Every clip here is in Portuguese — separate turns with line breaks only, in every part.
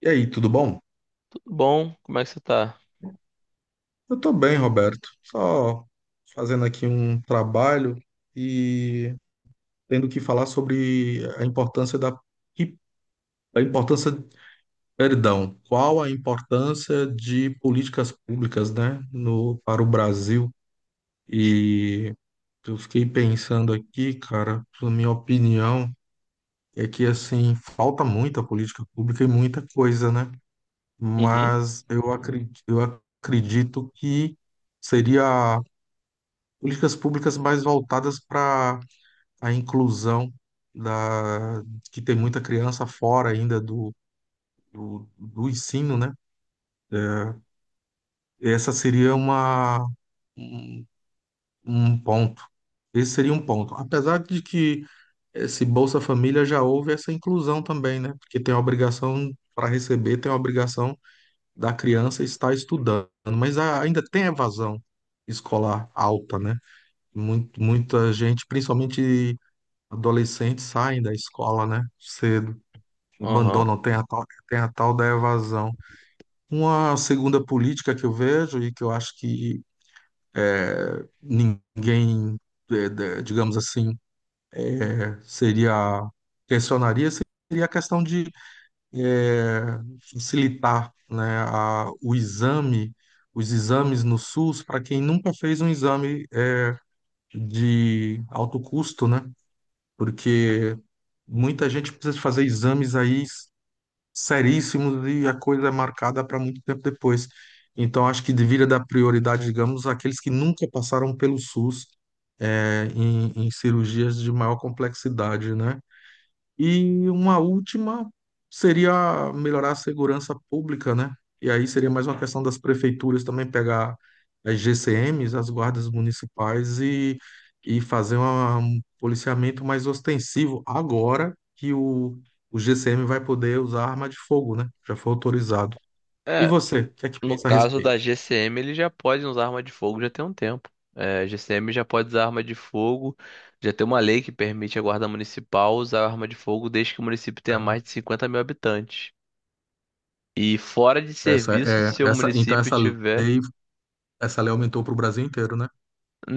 E aí, tudo bom?
Bom, como é que você tá?
Eu tô bem, Roberto. Só fazendo aqui um trabalho e tendo que falar sobre a importância da a importância, perdão, qual a importância de políticas públicas, né, no para o Brasil. E eu fiquei pensando aqui, cara, na minha opinião é que assim, falta muita política pública e muita coisa, né?
Uhum,
Mas eu acredito que seria políticas públicas mais voltadas para a inclusão da que tem muita criança fora ainda do ensino, né? É, essa seria um, um ponto. Esse seria um ponto. Apesar de que esse Bolsa Família já houve essa inclusão também, né? Porque tem a obrigação para receber, tem a obrigação da criança estar estudando, mas ainda tem evasão escolar alta, né? Muita gente, principalmente adolescentes saem da escola, né? Cedo,
aham.
abandonam, tem a tal da evasão. Uma segunda política que eu vejo e que eu acho que ninguém, digamos assim, é, seria, questionaria, seria a questão de eh, facilitar, né, os exames no SUS para quem nunca fez um exame de alto custo, né? Porque muita gente precisa fazer exames aí seríssimos e a coisa é marcada para muito tempo depois. Então, acho que deveria dar prioridade, digamos, àqueles que nunca passaram pelo SUS, em cirurgias de maior complexidade, né? E uma última seria melhorar a segurança pública, né? E aí seria mais uma questão das prefeituras também pegar as GCMs, as guardas municipais e fazer um policiamento mais ostensivo agora que o GCM vai poder usar arma de fogo, né? Já foi autorizado. E
É,
você, o que é que
no
pensa a
caso
respeito?
da GCM, ele já pode usar arma de fogo já tem um tempo. É, GCM já pode usar arma de fogo, já tem uma lei que permite a guarda municipal usar arma de fogo desde que o município tenha mais de 50 mil habitantes. E fora de
É.
serviço, se o
Então,
município tiver.
essa lei aumentou para o Brasil inteiro, né?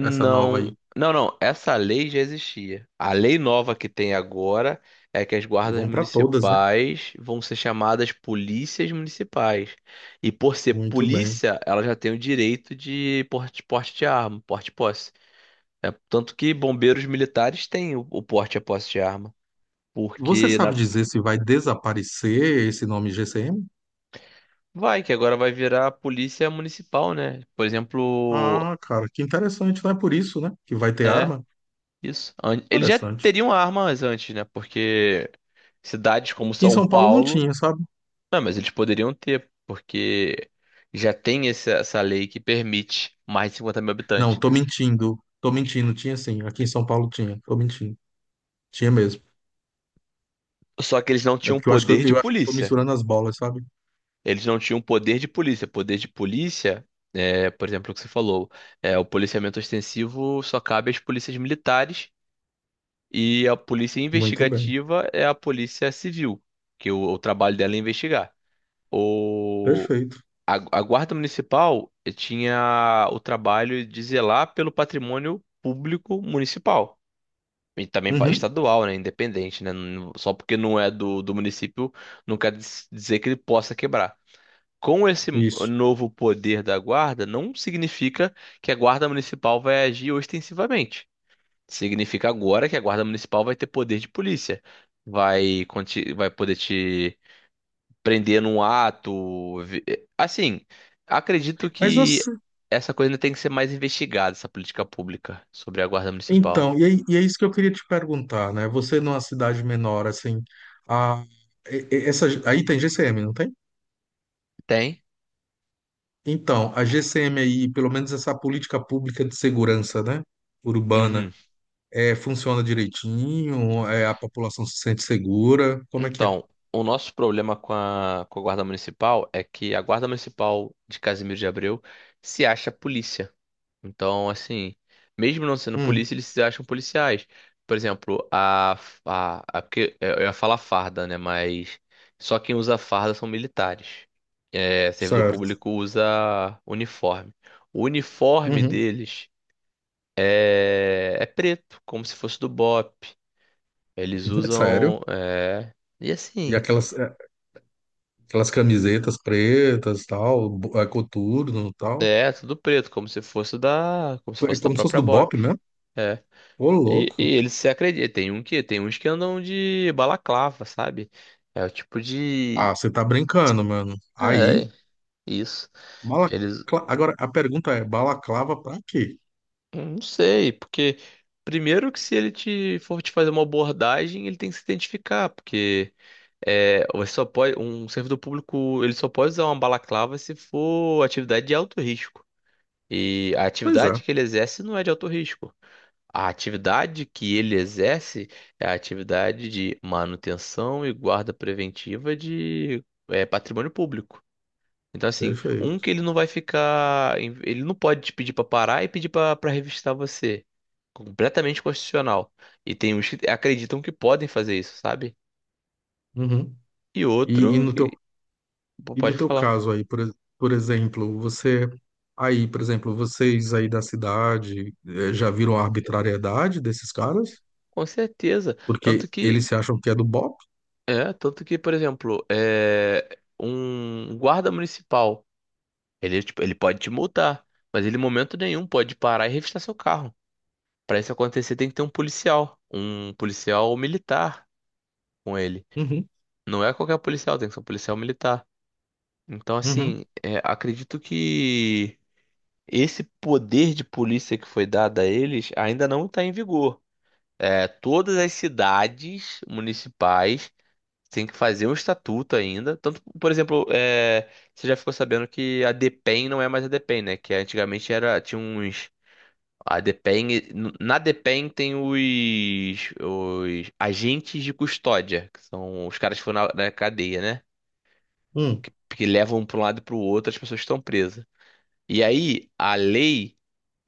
Essa nova aí.
não, não. Essa lei já existia. A lei nova que tem agora é que as guardas
Vão para todas, né?
municipais vão ser chamadas polícias municipais. E por ser
Muito bem.
polícia, ela já tem o direito de porte, porte de arma, porte e posse. É, tanto que bombeiros militares têm o porte e a posse de arma.
Você
Porque na-
sabe dizer se vai desaparecer esse nome GCM?
Vai, que agora vai virar polícia municipal, né? Por exemplo,
Ah, cara, que interessante, não é por isso, né? Que vai ter
é
arma?
isso. Eles já
Interessante.
teriam armas antes, né? Porque cidades como
Aqui em
São
São Paulo não
Paulo.
tinha, sabe?
Não, mas eles poderiam ter, porque já tem essa lei que permite mais de 50 mil
Não,
habitantes.
tô mentindo. Tô mentindo, tinha sim. Aqui em São Paulo tinha. Tô mentindo. Tinha mesmo.
Só que eles não
É
tinham
porque eu acho que eu,
poder de
eu acho que eu tô
polícia.
misturando as bolas, sabe?
Eles não tinham poder de polícia. Poder de polícia, por exemplo, o que você falou, o policiamento ostensivo só cabe às polícias militares e a polícia
Muito bem.
investigativa é a polícia civil, que o trabalho dela é investigar.
Perfeito.
A guarda municipal tinha o trabalho de zelar pelo patrimônio público municipal. E também
Uhum,
estadual, né? Independente, né? Só porque não é do município, não quer dizer que ele possa quebrar. Com esse
isso.
novo poder da guarda, não significa que a guarda municipal vai agir ostensivamente. Significa agora que a guarda municipal vai ter poder de polícia. Vai poder te prender num ato. Assim, acredito
Mas
que
você,
essa coisa ainda tem que ser mais investigada, essa política pública sobre a guarda municipal.
então, e é isso que eu queria te perguntar, né? Você numa cidade menor, assim, a, e- essa, aí tem GCM, não tem?
Tem?
Então, a GCM aí, pelo menos essa política pública de segurança, né,
Uhum.
urbana, funciona direitinho? É, a população se sente segura? Como é que é?
Então, o nosso problema com a guarda municipal é que a guarda municipal de Casimiro de Abreu se acha polícia. Então, assim, mesmo não sendo
Hum,
polícia, eles se acham policiais. Por exemplo, a porque eu ia falar farda, né? Mas só quem usa farda são militares. É, servidor
certo.
público usa uniforme. O uniforme
Uhum.
deles é preto, como se fosse do BOP. Eles
Sério?
usam. E
E
assim.
aquelas camisetas pretas, tal, coturno, tal?
É, tudo preto, como se fosse da. Como se
É
fosse da
como se fosse
própria
do Bop
BOP.
mesmo?
É.
Ô,
E,
louco.
e eles se acreditam. Tem uns que andam de balaclava, sabe? É o tipo de.
Ah, você tá brincando, mano. Aí.
É, isso.
balacla...
Eles.
Agora, a pergunta é, balaclava pra quê?
Não sei, porque. Primeiro que se ele te for te fazer uma abordagem, ele tem que se identificar, porque. É, você só pode, um servidor público, ele só pode usar uma balaclava se for atividade de alto risco. E a
Pois é,
atividade que ele exerce não é de alto risco. A atividade que ele exerce é a atividade de manutenção e guarda preventiva de, patrimônio público. Então, assim, um
perfeito.
que ele não vai ficar, ele não pode te pedir para parar e pedir para revistar você. Completamente constitucional. E tem uns que acreditam que podem fazer isso, sabe?
Uhum.
E
E, e
outro
no
que
teu
Pô,
E no
pode
teu
falar.
caso aí, por exemplo, por exemplo, vocês aí da cidade já viram a arbitrariedade desses caras?
Com certeza. Tanto
Porque
que,
eles se acham que é do BOP?
tanto que, por exemplo, um guarda municipal, ele, tipo, ele pode te multar, mas ele em momento nenhum pode parar e revistar seu carro. Para isso acontecer, tem que ter um policial militar com ele.
Uhum,
Não é qualquer policial, tem que ser um policial militar. Então,
uhum,
assim, acredito que esse poder de polícia que foi dado a eles ainda não está em vigor. É, todas as cidades municipais tem que fazer um estatuto ainda. Tanto, por exemplo, você já ficou sabendo que a DEPEN não é mais a DEPEN, né? Que antigamente era, tinha uns. A DEPEN. Na DEPEN tem os agentes de custódia, que são os caras que foram na cadeia, né?
hum.
Que levam para um lado e para o outro as pessoas que estão presas. E aí, a lei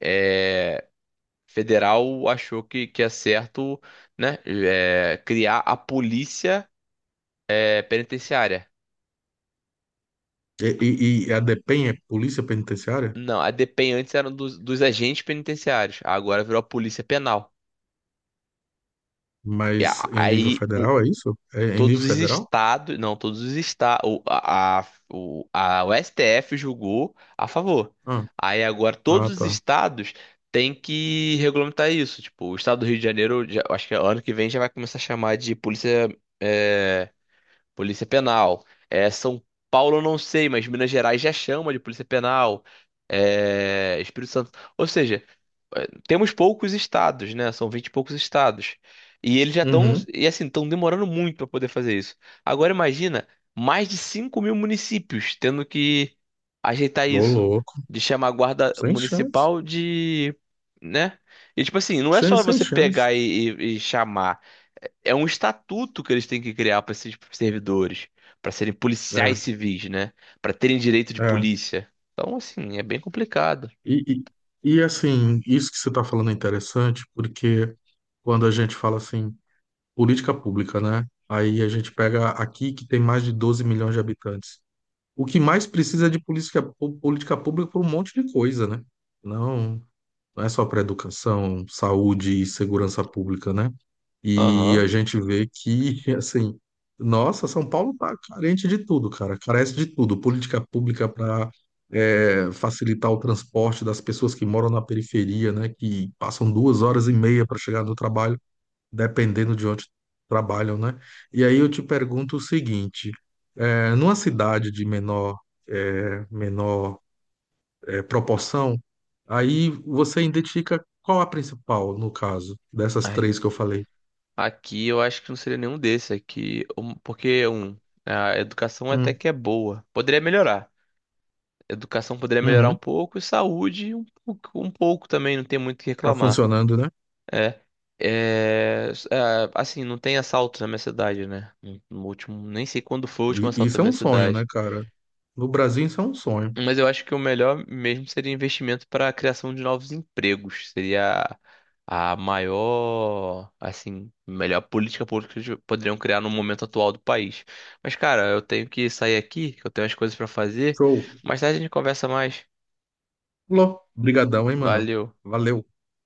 é, federal achou que é certo, né? Criar a polícia penitenciária.
E a DEPEN é Polícia Penitenciária?
Não, a DPEM antes era dos agentes penitenciários. Agora virou a Polícia Penal. E
Mas
a-
em nível
aí o-
federal é isso? É em
Todos
nível
os
federal?
estados, não, todos os estados, o STF julgou a favor.
Ah,
Aí agora
ah,
todos os
tá.
estados têm que regulamentar isso. Tipo, o estado do Rio de Janeiro, eu acho que ano que vem já vai começar a chamar de eh, Polícia Penal. É, São Paulo eu não sei, mas Minas Gerais já chama de Polícia Penal. É, Espírito Santo. Ou seja, temos poucos estados, né? São 20 e poucos estados. E eles já estão,
Uhum.
e assim, estão demorando muito para poder fazer isso. Agora imagina mais de 5 mil municípios tendo que ajeitar
Ô,
isso.
louco.
De chamar a guarda
Sem chance.
municipal de, né? E tipo assim, não é
Sem,
só
sem
você
chance.
pegar e chamar é um estatuto que eles têm que criar para esses servidores, para serem policiais
É,
civis, né? Para terem direito de
é.
polícia. Então, assim, é bem complicado.
E, e, assim, isso que você está falando é interessante, porque quando a gente fala assim, política pública, né? Aí a gente pega aqui que tem mais de 12 milhões de habitantes. O que mais precisa é de política pública para um monte de coisa, né? Não. Não é só para educação, saúde e segurança pública, né? E
Aham.
a gente vê que, assim, nossa, São Paulo está carente de tudo, cara, carece de tudo. Política pública para facilitar o transporte das pessoas que moram na periferia, né? Que passam 2 horas e meia para chegar no trabalho, dependendo de onde trabalham, né? E aí eu te pergunto o seguinte: numa cidade de menor, eh, menor proporção, aí você identifica qual a principal, no caso, dessas
Ai,
três que eu falei.
aqui eu acho que não seria nenhum desses aqui, porque a educação até
Hum,
que é boa. Poderia melhorar. Educação poderia melhorar um
uhum.
pouco e saúde um pouco também, não tem muito o que
Tá
reclamar.
funcionando, né?
É, assim, não tem assalto na minha cidade, né? No último, nem sei quando foi o último
E-
assalto
isso
na
é
minha
um sonho, né,
cidade.
cara? No Brasil, isso é um sonho.
Mas eu acho que o melhor mesmo seria investimento para a criação de novos empregos. Seria a melhor política pública que poderiam criar no momento atual do país. Mas, cara, eu tenho que sair aqui, que eu tenho as coisas para fazer.
Show.
Mais tarde a gente conversa mais.
Lô, brigadão, hein, mano?
Valeu.
Valeu.